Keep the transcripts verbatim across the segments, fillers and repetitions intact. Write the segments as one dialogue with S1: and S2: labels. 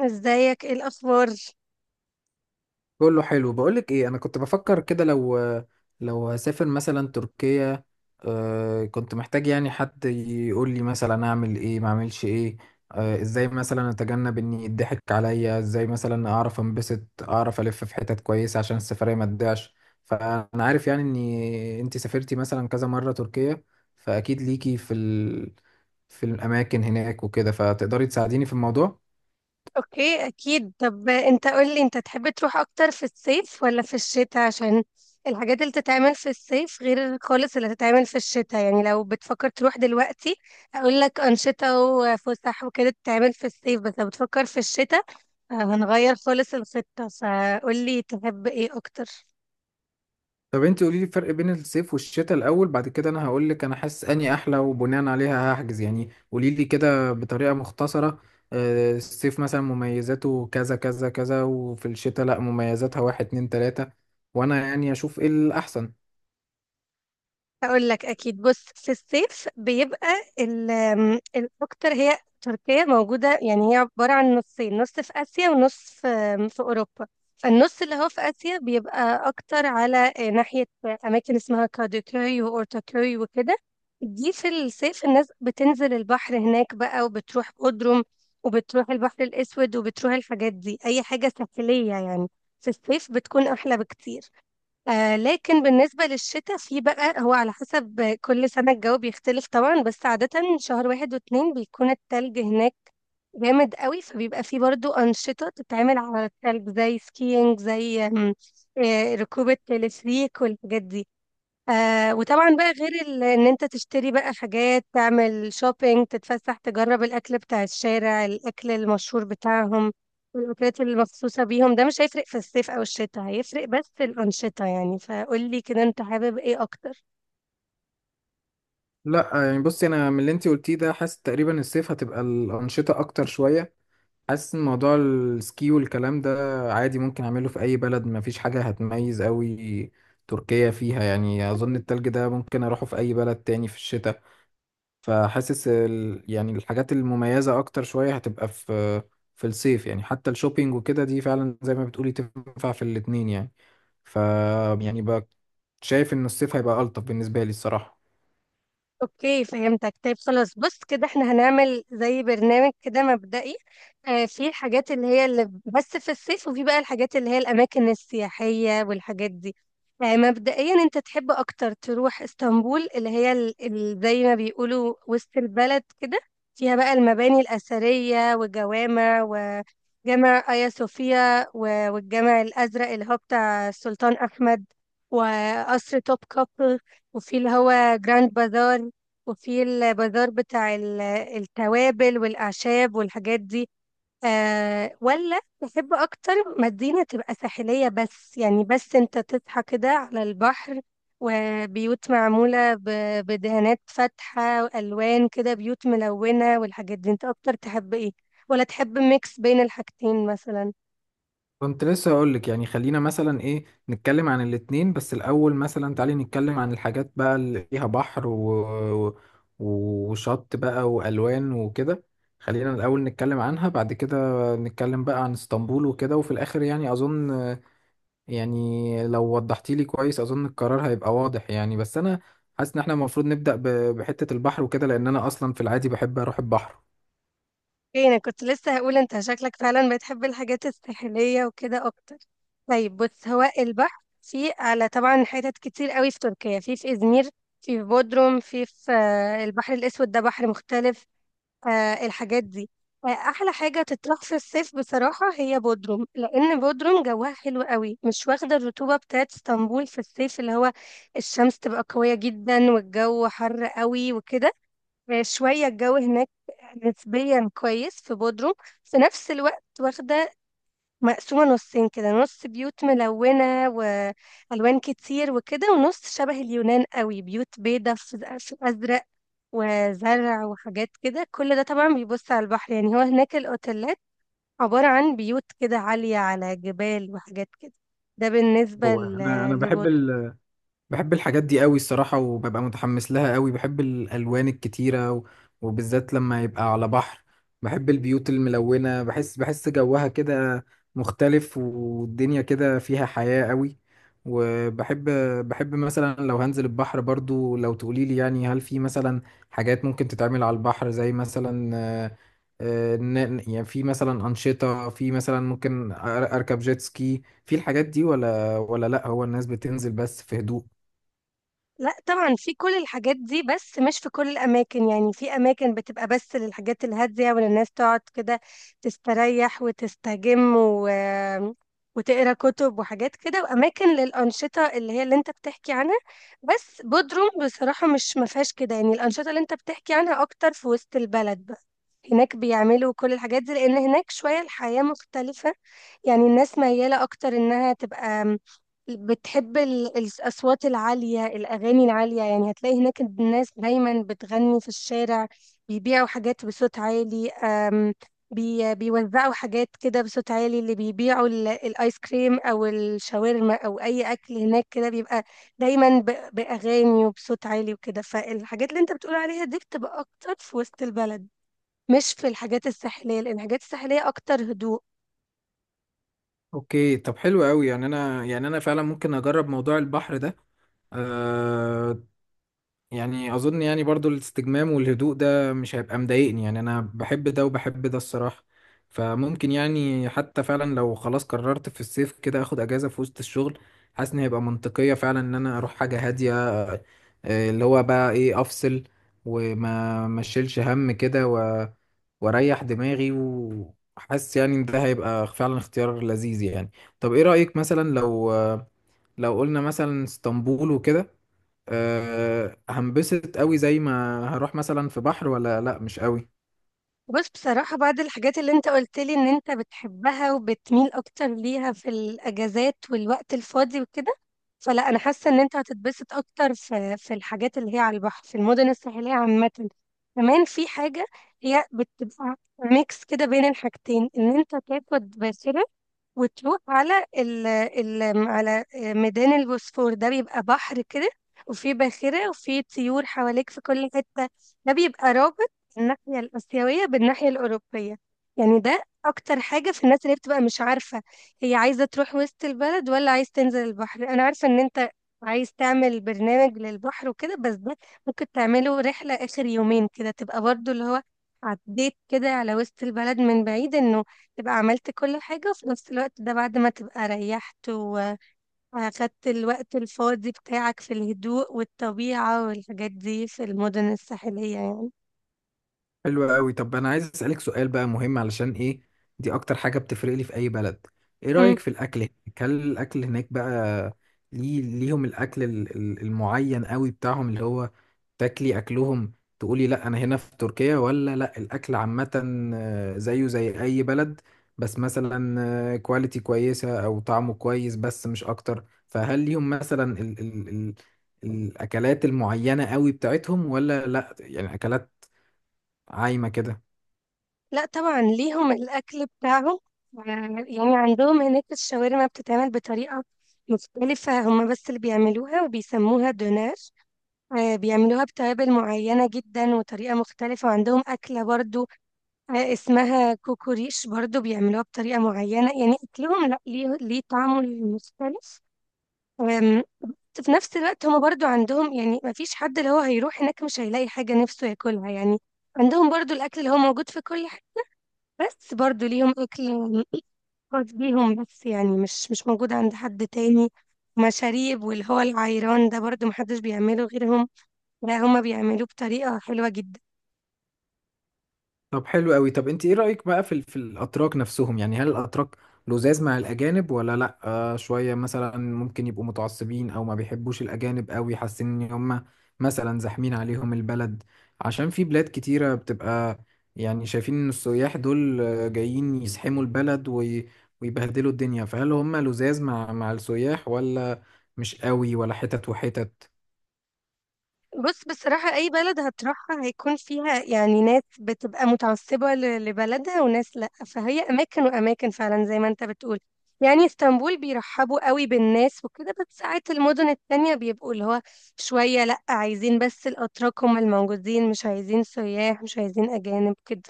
S1: ازيك؟ ايه الاخبار؟
S2: كله حلو، بقولك ايه، انا كنت بفكر كده لو لو هسافر مثلا تركيا. آه، كنت محتاج يعني حد يقول لي مثلا اعمل ايه ما اعملش ايه. آه، ازاي مثلا اتجنب اني يضحك عليا، ازاي مثلا اعرف انبسط، اعرف الف في حتت كويسة عشان السفرية ما تضيعش. فانا عارف يعني اني انت سافرتي مثلا كذا مرة تركيا، فاكيد ليكي في ال... في الاماكن هناك وكده، فتقدري تساعديني في الموضوع.
S1: اوكي، اكيد. طب انت قول لي، انت تحب تروح اكتر في الصيف ولا في الشتاء؟ عشان الحاجات اللي تتعمل في الصيف غير خالص اللي تتعمل في الشتاء. يعني لو بتفكر تروح دلوقتي اقول لك انشطة وفسح وكده تتعمل في الصيف، بس لو بتفكر في الشتاء آه، هنغير خالص الخطة. فقول لي تحب ايه اكتر؟
S2: طب انت قولي لي الفرق بين الصيف والشتاء الاول، بعد كده انا هقول لك انا حاسس اني احلى وبناء عليها هحجز. يعني قولي لي كده بطريقه مختصره، آه، الصيف مثلا مميزاته كذا كذا كذا، وفي الشتاء لا مميزاتها واحد اتنين تلاته، وانا يعني اشوف ايه الاحسن.
S1: هقول لك اكيد. بص، في الصيف بيبقى ال- آم، الاكتر هي تركيا موجوده. يعني هي عباره عن نصين، نص في اسيا ونص في آم، في اوروبا. فالنص اللي هو في اسيا بيبقى اكتر على آه، ناحيه اماكن اسمها كادوكوي واورتاكوي وكده. دي في الصيف الناس بتنزل البحر هناك بقى، وبتروح بودروم، وبتروح البحر الاسود، وبتروح الحاجات دي، اي حاجه ساحليه يعني في الصيف بتكون احلى بكتير. آه لكن بالنسبة للشتاء، في بقى هو على حسب كل سنة الجو بيختلف طبعا، بس عادة شهر واحد واتنين بيكون التلج هناك جامد قوي، فبيبقى فيه برضو أنشطة تتعمل على التلج زي سكينج، زي آم، آه، ركوب التلفريك والحاجات دي. آه وطبعا بقى، غير ال- ان انت تشتري بقى حاجات، تعمل شوبينج، تتفسح، تجرب الاكل بتاع الشارع، الاكل المشهور بتاعهم والاكلات المخصوصة بيهم. ده مش هيفرق في الصيف او الشتاء، هيفرق بس الانشطة يعني. فقولي كده، انت حابب ايه اكتر؟
S2: لا يعني بصي، انا من اللي انت قلتيه ده حاسس تقريبا الصيف هتبقى الانشطه اكتر شويه. حاسس ان موضوع السكي والكلام ده عادي ممكن اعمله في اي بلد، ما فيش حاجة هتميز قوي تركيا فيها. يعني اظن التلج ده ممكن اروحه في اي بلد تاني في الشتاء. فحاسس ال... يعني الحاجات المميزة اكتر شوية هتبقى في في الصيف، يعني حتى الشوبينج وكده دي فعلا زي ما بتقولي تنفع في الاتنين يعني. ف يعني بقى شايف ان الصيف هيبقى الطف بالنسبة لي الصراحة.
S1: اوكي فهمتك. طيب خلاص، بص كده، احنا هنعمل زي برنامج كده مبدئي. آه في الحاجات اللي هي اللي بس في الصيف، وفي بقى الحاجات اللي هي الاماكن السياحية والحاجات دي. آه مبدئيا، انت تحب اكتر تروح اسطنبول، اللي هي ال- ال- زي ما بيقولوا وسط البلد كده، فيها بقى المباني الأثرية وجوامع، وجامع آيا صوفيا و- والجامع الأزرق اللي هو بتاع السلطان أحمد، وقصر توب كابل، وفي اللي هو جراند بازار، وفي البازار بتاع ال- التوابل والأعشاب والحاجات دي. آه ولا تحب أكتر مدينة تبقى ساحلية بس، يعني بس أنت تصحى كده على البحر، وبيوت معمولة ب- بدهانات فاتحة وألوان كده، بيوت ملونة والحاجات دي؟ أنت أكتر تحب إيه؟ ولا تحب ميكس بين الحاجتين مثلا؟
S2: كنت لسه هقول لك، يعني خلينا مثلا ايه، نتكلم عن الاتنين، بس الاول مثلا تعالي نتكلم عن الحاجات بقى اللي فيها بحر و... و- وشط بقى والوان وكده. خلينا الاول نتكلم عنها، بعد كده نتكلم بقى عن اسطنبول وكده، وفي الاخر يعني اظن، يعني لو وضحتي لي كويس اظن القرار هيبقى واضح يعني. بس انا حاسس ان احنا المفروض نبدأ ب... بحتة البحر وكده، لان انا اصلا في العادي بحب اروح البحر.
S1: اوكي، انا كنت لسه هقول انت شكلك فعلا بتحب الحاجات الساحليه وكده اكتر. طيب بص، هو البحر في على طبعا حتت كتير قوي في تركيا، في في ازمير، في في بودروم، في في آه، البحر الاسود ده بحر مختلف، آه، الحاجات دي. آه، احلى حاجه تطرح في الصيف بصراحه هي بودروم، لان بودروم جواها حلو قوي، مش واخده الرطوبه بتاعت اسطنبول في الصيف، اللي هو الشمس تبقى قويه جدا والجو حر قوي وكده. شوية الجو هناك نسبيا كويس في بودروم. في نفس الوقت واخدة، مقسومة نصين كده، نص بيوت ملونة وألوان كتير وكده، ونص شبه اليونان قوي، بيوت بيضة في في أزرق وزرع وحاجات كده. كل ده طبعا بيبص على البحر يعني، هو هناك الأوتيلات عبارة عن بيوت كده عالية على جبال وحاجات كده. ده بالنسبة
S2: هو انا انا
S1: ل-
S2: بحب
S1: لبودروم.
S2: ال... بحب الحاجات دي قوي الصراحة، وببقى متحمس لها قوي. بحب الألوان الكتيرة و- وبالذات لما يبقى على بحر. بحب البيوت الملونة، بحس بحس جوها كده مختلف، والدنيا كده فيها حياة قوي. وبحب بحب مثلا لو هنزل البحر، برضو لو تقوليلي يعني هل في مثلا حاجات ممكن تتعمل على البحر، زي مثلا آه، آه، ن- ن- يعني في مثلا أنشطة، في مثلا ممكن أر- أركب جيت سكي في الحاجات دي، ولا ولا لأ هو الناس بتنزل بس في هدوء؟
S1: لا طبعا، في كل الحاجات دي بس مش في كل الأماكن. يعني في أماكن بتبقى بس للحاجات الهادية والناس تقعد كده تستريح وتستجم و... وتقرا كتب وحاجات كده، وأماكن للأنشطة اللي هي اللي أنت بتحكي عنها. بس بودروم بصراحة مش مفيهاش كده يعني، الأنشطة اللي أنت بتحكي عنها أكتر في وسط البلد. هناك بيعملوا كل الحاجات دي، لأن هناك شوية الحياة مختلفة. يعني الناس ميالة أكتر إنها تبقى م- بتحب ال- الأصوات العالية، الأغاني العالية. يعني هتلاقي هناك الناس دايما بتغني في الشارع، بيبيعوا حاجات بصوت عالي، أم، بي بيوزعوا حاجات كده بصوت عالي. اللي بيبيعوا ال- الآيس كريم أو الشاورما أو أي أكل هناك كده بيبقى دايما ب- بأغاني وبصوت عالي وكده. فالحاجات اللي أنت بتقول عليها دي بتبقى أكتر في وسط البلد، مش في الحاجات الساحلية، لأن الحاجات الساحلية أكتر هدوء.
S2: اوكي، طب حلو قوي. يعني انا يعني انا فعلا ممكن اجرب موضوع البحر ده. أه، يعني اظن يعني برضو الاستجمام والهدوء ده مش هيبقى مضايقني، يعني انا بحب ده وبحب ده الصراحة. فممكن يعني حتى فعلا لو خلاص قررت في الصيف كده اخد اجازة في وسط الشغل، حاسس ان هيبقى منطقية فعلا ان انا اروح حاجة هادية. آه، اللي هو بقى ايه، افصل وما ما اشيلش هم كده، و... واريح دماغي. وحاسس يعني ان ده هيبقى فعلا اختيار لذيذ يعني. طب ايه رأيك مثلا لو لو قلنا مثلا اسطنبول وكده، أه هنبسط قوي زي ما هروح مثلا في بحر، ولا لا مش قوي؟
S1: بس بصراحة بعد الحاجات اللي أنت قلت لي إن أنت بتحبها وبتميل أكتر ليها في الأجازات والوقت الفاضي وكده، فلا أنا حاسة إن أنت هتتبسط أكتر في في الحاجات اللي هي على البحر في المدن الساحلية عامة. كمان في حاجة هي بتبقى ميكس كده بين الحاجتين، إن أنت تاخد باخرة وتروح على ال ال على ميدان البوسفور، ده بيبقى بحر كده، وفي باخرة وفي طيور حواليك في كل حتة. ده بيبقى رابط الناحية الآسيوية بالناحية الأوروبية. يعني ده أكتر حاجة في الناس اللي بتبقى مش عارفة هي عايزة تروح وسط البلد ولا عايز تنزل البحر. أنا عارفة إن أنت عايز تعمل برنامج للبحر وكده، بس ده ممكن تعمله رحلة آخر يومين كده، تبقى برضو اللي هو عديت كده على وسط البلد من بعيد، إنه تبقى عملت كل حاجة، وفي نفس الوقت ده بعد ما تبقى ريحت وأخدت الوقت الفاضي بتاعك في الهدوء والطبيعة والحاجات دي في المدن الساحلية يعني.
S2: حلو قوي. طب انا عايز اسالك سؤال بقى مهم، علشان ايه، دي اكتر حاجه بتفرق لي في اي بلد. ايه
S1: مم.
S2: رايك في الاكل هناك؟ هل الاكل هناك بقى ليه ليهم الاكل ال- ال- المعين قوي بتاعهم، اللي هو تاكلي اكلهم تقولي لا انا هنا في تركيا، ولا لا الاكل عامه آه، زيه زي اي بلد، بس مثلا كواليتي كويسه او طعمه كويس بس مش اكتر؟ فهل ليهم مثلا ال ال ال الاكلات المعينه قوي بتاعتهم، ولا لا يعني اكلات عايمه كده؟
S1: لا طبعا، ليهم الأكل بتاعهم. آه، يعني عندهم هناك الشاورما بتتعمل بطريقة مختلفة، هما بس اللي بيعملوها وبيسموها دوناش. آه، بيعملوها بتوابل معينة جدا وطريقة مختلفة. وعندهم أكلة برضو آه، اسمها كوكو ريش، برضو بيعملوها بطريقة معينة. يعني أكلهم، لا، ليه ليه طعمه مختلف. آم، في نفس الوقت هما برضو عندهم، يعني ما فيش حد اللي هو هيروح هناك مش هيلاقي حاجة نفسه ياكلها يعني. عندهم برضو الأكل اللي هو موجود في كل حاجة، بس برضو ليهم أكل خاص بيهم بس، يعني مش مش موجود عند حد تاني. مشاريب، واللي هو العيران ده برضو محدش بيعمله غيرهم، لا هما بيعملوه بطريقة حلوة جدا.
S2: طب حلو قوي. طب انت ايه رأيك بقى في ال- في الاتراك نفسهم؟ يعني هل الاتراك لزاز مع الاجانب، ولا لا آه شوية مثلا ممكن يبقوا متعصبين او ما بيحبوش الاجانب قوي، حاسين ان هم مثلا زاحمين عليهم البلد؟ عشان في بلاد كتيرة بتبقى يعني شايفين ان السياح دول آه، جايين يزحموا البلد وي ويبهدلوا الدنيا. فهل هم لزاز مع مع السياح، ولا مش قوي، ولا حتت وحتت؟
S1: بص بصراحة، أي بلد هتروحها هيكون فيها يعني ناس بتبقى متعصبة ل- لبلدها وناس لأ. فهي أماكن وأماكن فعلا زي ما أنت بتقول. يعني اسطنبول بيرحبوا قوي بالناس وكده، بس ساعات المدن التانية بيبقوا اللي هو شوية لأ، عايزين بس الأتراك هم الموجودين، مش عايزين سياح، مش عايزين أجانب كده،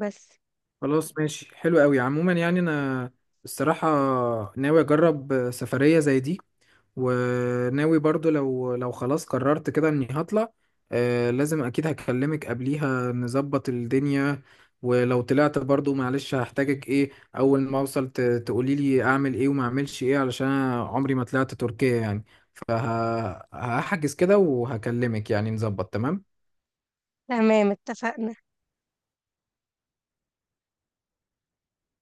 S1: بس.
S2: خلاص ماشي، حلو قوي. عموما يعني انا الصراحة ناوي اجرب سفرية زي دي، وناوي برضو لو لو خلاص قررت كده اني هطلع، آه لازم اكيد هكلمك قبليها نظبط الدنيا. ولو طلعت برضو معلش هحتاجك، ايه اول ما اوصل ت- تقولي لي اعمل ايه وما اعملش ايه، علشان أنا عمري ما طلعت تركيا يعني. فهحجز كده وهكلمك يعني نظبط تمام.
S1: تمام، اتفقنا.